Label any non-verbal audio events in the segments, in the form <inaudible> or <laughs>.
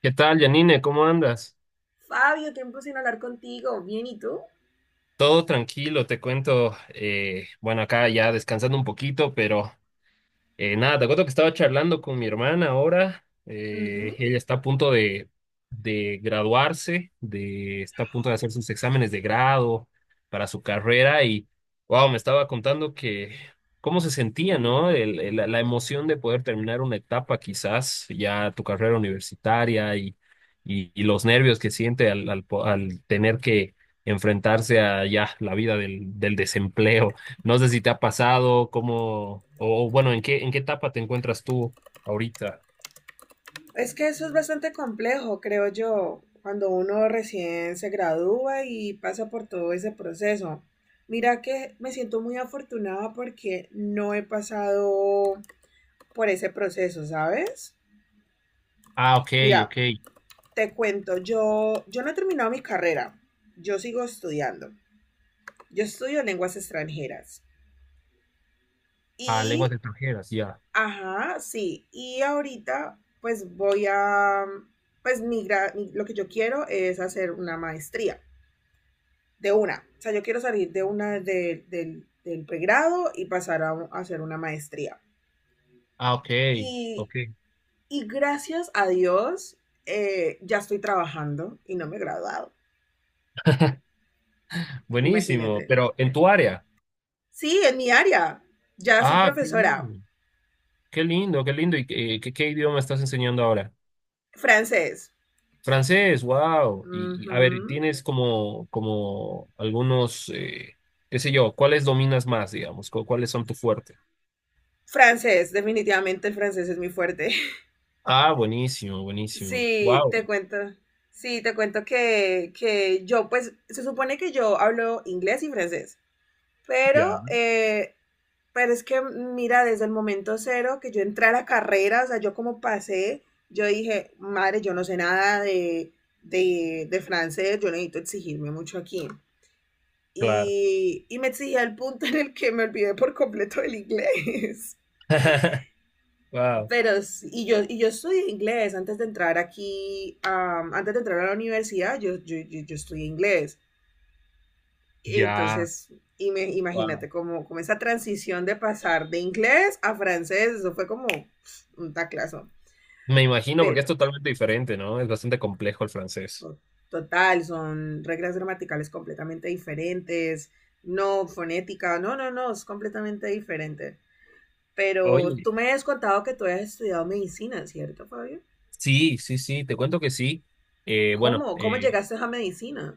¿Qué tal, Janine? ¿Cómo andas? Fabio, tiempo sin hablar contigo. Bien, ¿y tú? Todo tranquilo, te cuento. Bueno, acá ya descansando un poquito, pero nada, te cuento que estaba charlando con mi hermana ahora. Ujú. Ella está a punto de graduarse, de, está a punto de hacer sus exámenes de grado para su carrera y, wow, me estaba contando que cómo se sentía, ¿no? La emoción de poder terminar una etapa, quizás ya tu carrera universitaria y, y los nervios que siente al tener que enfrentarse a ya la vida del, del desempleo. No sé si te ha pasado, cómo, o bueno, en qué etapa te encuentras tú ahorita? Es que eso es bastante complejo, creo yo, cuando uno recién se gradúa y pasa por todo ese proceso. Mira que me siento muy afortunada porque no he pasado por ese proceso, ¿sabes? Ah, ok, Mira, ok. te cuento, yo no he terminado mi carrera, yo sigo estudiando. Yo estudio lenguas extranjeras Ah, lenguas y extranjeras, ya. Ajá, sí. Y ahorita, pues voy a, pues mi, lo que yo quiero es hacer una maestría de una. O sea, yo quiero salir de una de- del, del pregrado y pasar a hacer una maestría. Ah, ok, Y, ok. y gracias a Dios, ya estoy trabajando y no me he graduado. Buenísimo, Imagínate. pero en tu área. Sí, en mi área. Ya soy Ah, qué profesora. lindo, qué lindo, qué lindo. ¿Y qué, qué, qué idioma estás enseñando ahora? Francés. Francés, wow. Y, a ver, Ujú. ¿tienes como, como algunos, qué sé yo, cuáles dominas más, digamos? ¿Cuáles son tu fuerte? Francés, definitivamente el francés es mi fuerte. <laughs> Ah, buenísimo, buenísimo. Sí, Wow. te cuento. Sí, te cuento que yo, pues, se supone que yo hablo inglés y francés, Ya, pero, eh, pero es que, mira, desde el momento cero que yo entré a la carrera, o sea, yo como pasé, yo dije, madre, yo no sé nada de, de francés, yo necesito exigirme mucho aquí. claro. Y me exigí al punto en el que me olvidé por completo del inglés. <laughs> Wow. Pero, sí, y yo estudié inglés antes de entrar aquí, antes de entrar a la universidad, yo estudié inglés. Y Ya, entonces, wow. imagínate, como, como esa transición de pasar de inglés a francés, eso fue como un taclazo. Me imagino, porque es Pero, totalmente diferente, ¿no? Es bastante complejo el francés. to- total, son reglas gramaticales completamente diferentes, no fonética, no, no, no, es completamente diferente. Pero Oye, tú me has contado que tú has estudiado medicina, ¿cierto, Fabio? sí, sí, sí, te cuento que sí. Eh, bueno, ¿Cómo? ¿Cómo eh, llegaste a medicina?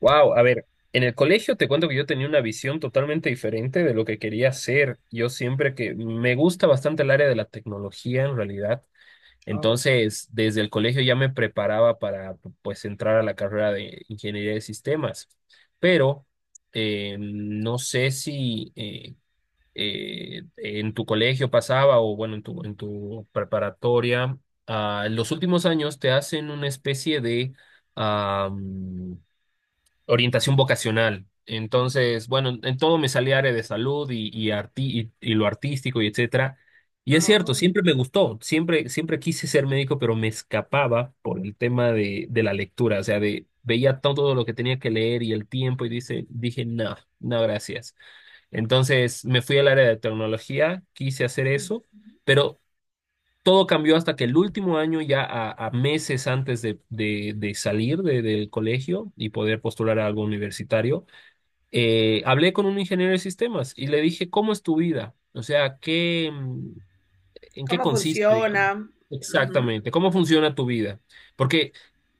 wow, a ver, en el colegio te cuento que yo tenía una visión totalmente diferente de lo que quería hacer. Yo siempre que me gusta bastante el área de la tecnología en realidad. Oh, Entonces, desde el colegio ya me preparaba para, pues, entrar a la carrera de ingeniería de sistemas. Pero no sé si... en tu colegio pasaba o bueno, en tu preparatoria, ah, en los últimos años te hacen una especie de am, orientación vocacional. Entonces, bueno, en todo me salía área de salud y, y lo artístico y etcétera. Y es cierto, oh. siempre me gustó, siempre, siempre quise ser médico, pero me escapaba por el tema de la lectura, o sea, de, veía todo lo que tenía que leer y el tiempo y dice, dije, no, no, gracias. Entonces me fui al área de tecnología, quise hacer eso, pero todo cambió hasta que el último año, ya a meses antes de, de salir del colegio y poder postular a algo universitario, hablé con un ingeniero de sistemas y le dije, ¿cómo es tu vida? O sea, ¿qué? ¿En qué ¿Cómo consiste, digamos? funciona? Ujú. Exactamente. ¿Cómo funciona tu vida? Porque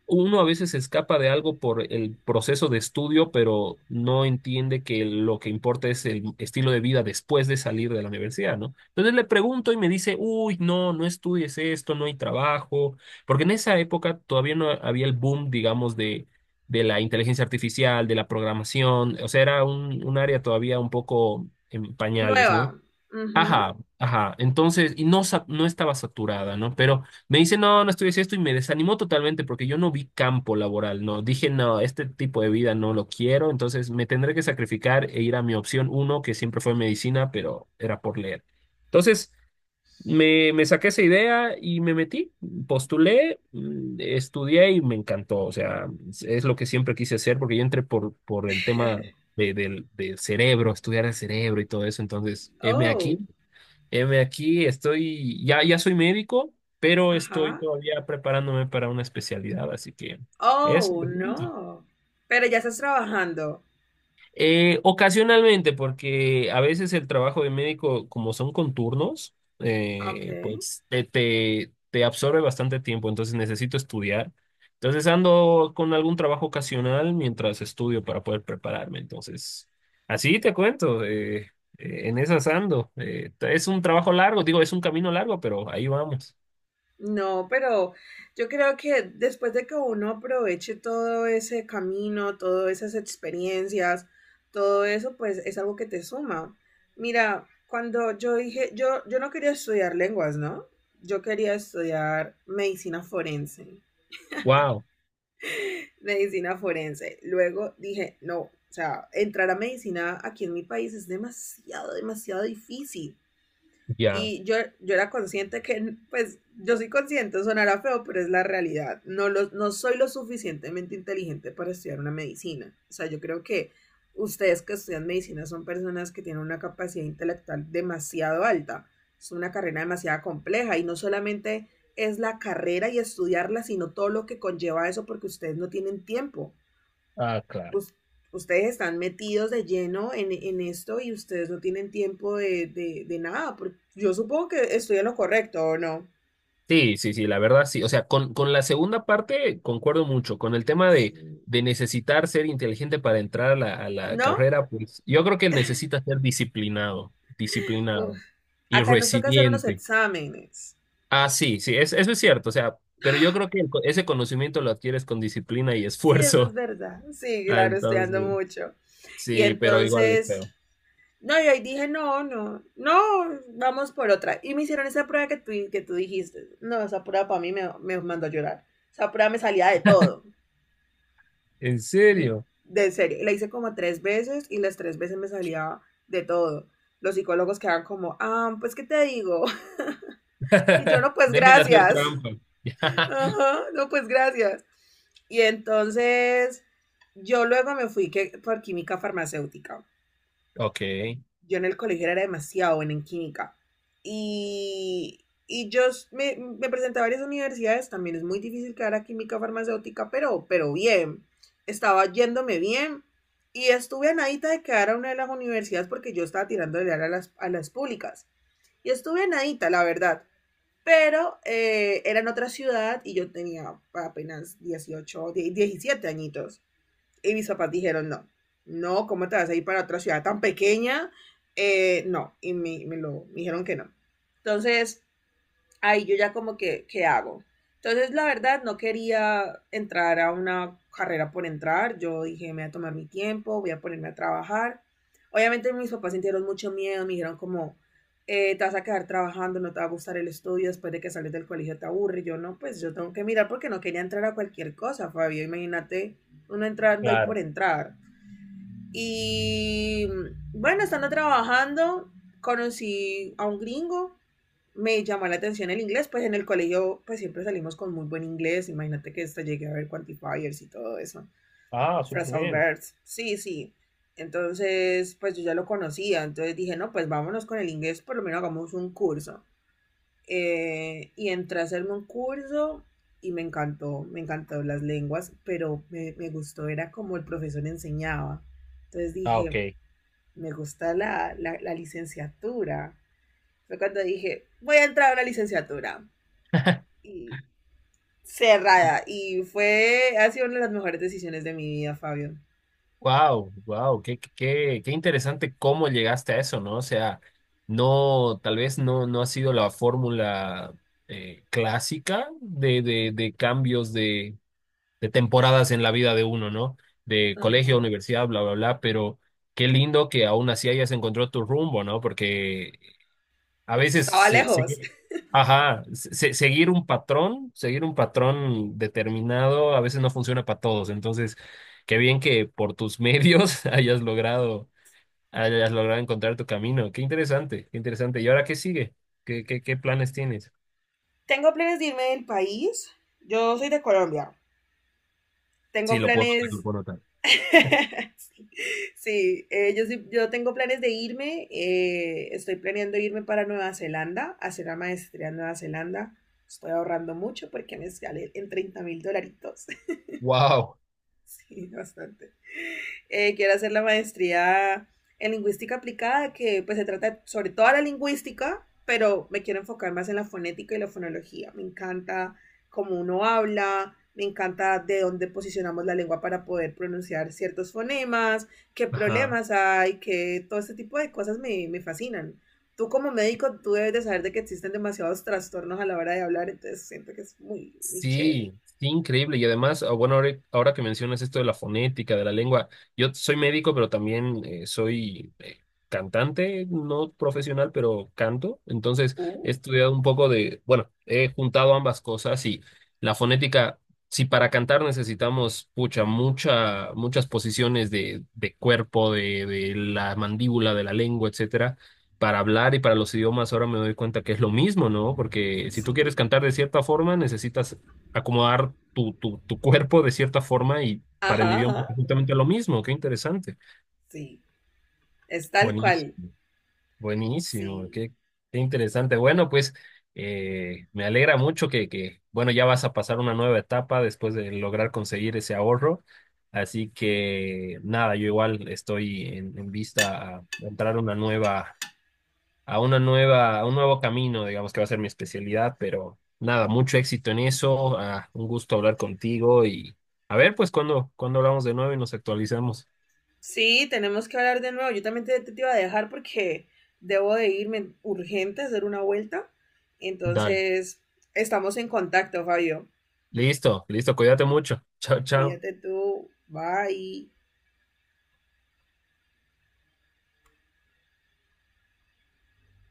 uno a veces se escapa de algo por el proceso de estudio, pero no entiende que lo que importa es el estilo de vida después de salir de la universidad, ¿no? Entonces le pregunto y me dice, uy, no, no estudies esto, no hay trabajo, porque en esa época todavía no había el boom, digamos, de la inteligencia artificial, de la programación, o sea, era un área todavía un poco en pañales, ¿no? Nueva. Ujú. Ajá, ajá. Entonces, y no, no estaba saturada, ¿no? Pero me dice, no, no estudié esto y me desanimó totalmente porque yo no vi campo laboral, ¿no? Dije, no, este tipo de vida no lo quiero, entonces me tendré que sacrificar e ir a mi opción uno, que siempre fue medicina, pero era por leer. Entonces, me saqué esa idea y me metí, postulé, estudié y me encantó. O sea, es lo que siempre quise hacer porque yo entré por el tema del, del cerebro, estudiar el cerebro y todo eso. Entonces, heme aquí. Oh, Heme aquí, estoy, ya, ya soy médico, pero estoy ajá. todavía preparándome para una especialidad, así que eso. Oh, Te cuento. no. Pero ya estás trabajando. Ocasionalmente, porque a veces el trabajo de médico, como son con turnos, Ok. Pues te, te absorbe bastante tiempo, entonces necesito estudiar. Entonces ando con algún trabajo ocasional mientras estudio para poder prepararme. Entonces, así te cuento. En esas ando. Es un trabajo largo, digo, es un camino largo, pero ahí vamos. No, pero yo creo que después de que uno aproveche todo ese camino, todas esas experiencias, todo eso, pues es algo que te suma. Mira, cuando yo dije, yo no quería estudiar lenguas, ¿no? Yo quería estudiar medicina forense. Wow, Medicina forense. Luego dije, no, o sea, entrar a medicina aquí en mi país es demasiado, demasiado difícil. ya. Y yo era consciente que, pues, yo soy consciente, sonará feo, pero es la realidad. No, no soy lo suficientemente inteligente para estudiar una medicina. O sea, yo creo que ustedes que estudian medicina son personas que tienen una capacidad intelectual demasiado alta. Es una carrera demasiado compleja, y no solamente es la carrera y estudiarla, sino todo lo que conlleva eso, porque ustedes no tienen tiempo, Ah, claro. us- ustedes están metidos de lleno en esto, y ustedes no tienen tiempo de, de nada. Porque yo supongo que estoy en lo correcto, ¿o no? Sí, sí, sí, la verdad sí. O sea, con la segunda parte concuerdo mucho. Con el tema Sí. de necesitar ser inteligente para entrar a la ¿No? carrera, pues yo creo que necesita ser disciplinado, Uf, disciplinado y acá nos toca hacer unos resiliente. exámenes. Ah, sí, sí, eso es cierto. O sea, pero yo creo que ese conocimiento lo adquieres con disciplina y Sí, eso es esfuerzo. <laughs> verdad. Sí, Ah, claro, estudiando entonces, mucho. Y sí, pero igual es entonces, feo. no, y ahí dije, no, no, no, vamos por otra. Y me hicieron esa prueba que que tú dijiste. No, esa prueba para mí me mandó a llorar. Esa prueba me salía de todo. ¿En serio? De serio, la hice como tres veces y las tres veces me salía de todo. Los psicólogos quedaban como, ah, pues qué te digo. <laughs> Y yo, <laughs> no, pues Deje de hacer gracias. trampa. <laughs> Ajá, no, pues gracias. Y entonces yo luego me fui que, por química farmacéutica. Ok. Yo en el colegio era demasiado buena en química. Y yo me presenté a varias universidades, también es muy difícil quedar a química farmacéutica, pero bien, estaba yéndome bien, y estuve a nadita de quedar a una de las universidades, porque yo estaba tirando de a a las públicas. Y estuve a nadita, la verdad, pero era en otra ciudad y yo tenía apenas dieciocho die 17 añitos. Y mis papás dijeron, no, no, ¿cómo te vas a ir para otra ciudad tan pequeña? No, y me lo me dijeron que no. Entonces, ahí yo ya como que, ¿qué hago? Entonces, la verdad, no quería entrar a una carrera por entrar. Yo dije, me voy a tomar mi tiempo, voy a ponerme a trabajar. Obviamente mis papás sintieron mucho miedo, me dijeron como, te vas a quedar trabajando, no te va a gustar el estudio, después de que sales del colegio te aburre. Yo no, pues yo tengo que mirar, porque no quería entrar a cualquier cosa, Fabio. Imagínate uno entrando ahí por Claro. entrar. Y bueno, estando trabajando, conocí a un gringo, me llamó la atención el inglés, pues en el colegio pues siempre salimos con muy buen inglés, imagínate que hasta llegué a ver quantifiers y todo eso, Ah, súper phrasal bien. verbs, sí, sí, entonces pues yo ya lo conocía, entonces dije, no, pues vámonos con el inglés, por lo menos hagamos un curso, y entré a hacerme un curso y me encantó las lenguas, pero me gustó, era como el profesor enseñaba, entonces Ah, dije, ok. me gusta la licenciatura, fue cuando dije, voy a entrar a una licenciatura, y cerrada. Y fue, ha sido una de las mejores decisiones de mi vida, Fabio. Wow, wow, qué, qué, qué qué interesante cómo llegaste a eso, ¿no? O sea, no, tal vez no, no ha sido la fórmula clásica de cambios de temporadas en la vida de uno, ¿no? De colegio, Ajá. a universidad, bla, bla, bla, pero qué lindo que aún así hayas encontrado tu rumbo, ¿no? Porque a veces Estaba lejos. seguir, ajá, seguir un patrón determinado, a veces no funciona para todos. Entonces, qué bien que por tus medios <laughs> hayas logrado encontrar tu camino. Qué interesante, qué interesante. ¿Y ahora qué sigue? ¿Qué, qué, qué planes tienes? Tengo planes de irme del país. Yo soy de Colombia. Sí, Tengo lo puedo notar, lo planes. puedo notar. <laughs> Sí, sí, yo tengo planes de irme. Estoy planeando irme para Nueva Zelanda, hacer la maestría en Nueva Zelanda. Estoy ahorrando mucho porque me sale en 30.000 dolaritos. Wow. Sí, bastante. Quiero hacer la maestría en lingüística aplicada, que pues se trata sobre toda la lingüística, pero me quiero enfocar más en la fonética y la fonología. Me encanta cómo uno habla, me encanta de dónde posicionamos la lengua para poder pronunciar ciertos fonemas, qué problemas hay, que todo este tipo de cosas me fascinan. Tú como médico, tú debes de saber de que existen demasiados trastornos a la hora de hablar, entonces siento que es muy, muy chévere. Sí, sí, increíble. Y además, ah, bueno, ahora, ahora que mencionas esto de la fonética, de la lengua, yo soy médico, pero también soy cantante, no profesional, pero canto. Entonces, he Uh, estudiado un poco de, bueno, he juntado ambas cosas y la fonética, si para cantar necesitamos, pucha, mucha, muchas posiciones de cuerpo, de la mandíbula, de la lengua, etcétera, para hablar y para los idiomas ahora me doy cuenta que es lo mismo, ¿no? Porque si tú sí. quieres cantar de cierta forma, necesitas acomodar tu, tu cuerpo de cierta forma y para el Ajá, idioma es ajá. justamente lo mismo. Qué interesante. Sí, es tal cual. Buenísimo, buenísimo, Sí. qué, qué interesante. Bueno, pues me alegra mucho que, bueno, ya vas a pasar una nueva etapa después de lograr conseguir ese ahorro. Así que nada, yo igual estoy en vista a entrar a una nueva a una nueva, a un nuevo camino, digamos que va a ser mi especialidad, pero nada, mucho éxito en eso, ah, un gusto hablar contigo y a ver, pues cuando, cuando hablamos de nuevo y nos actualizamos. Sí, tenemos que hablar de nuevo. Yo también te iba a dejar porque debo de irme urgente a hacer una vuelta. Dale, Entonces, estamos en contacto, Fabio. listo, listo, cuídate mucho. Chao, chao. Cuídate tú. Bye.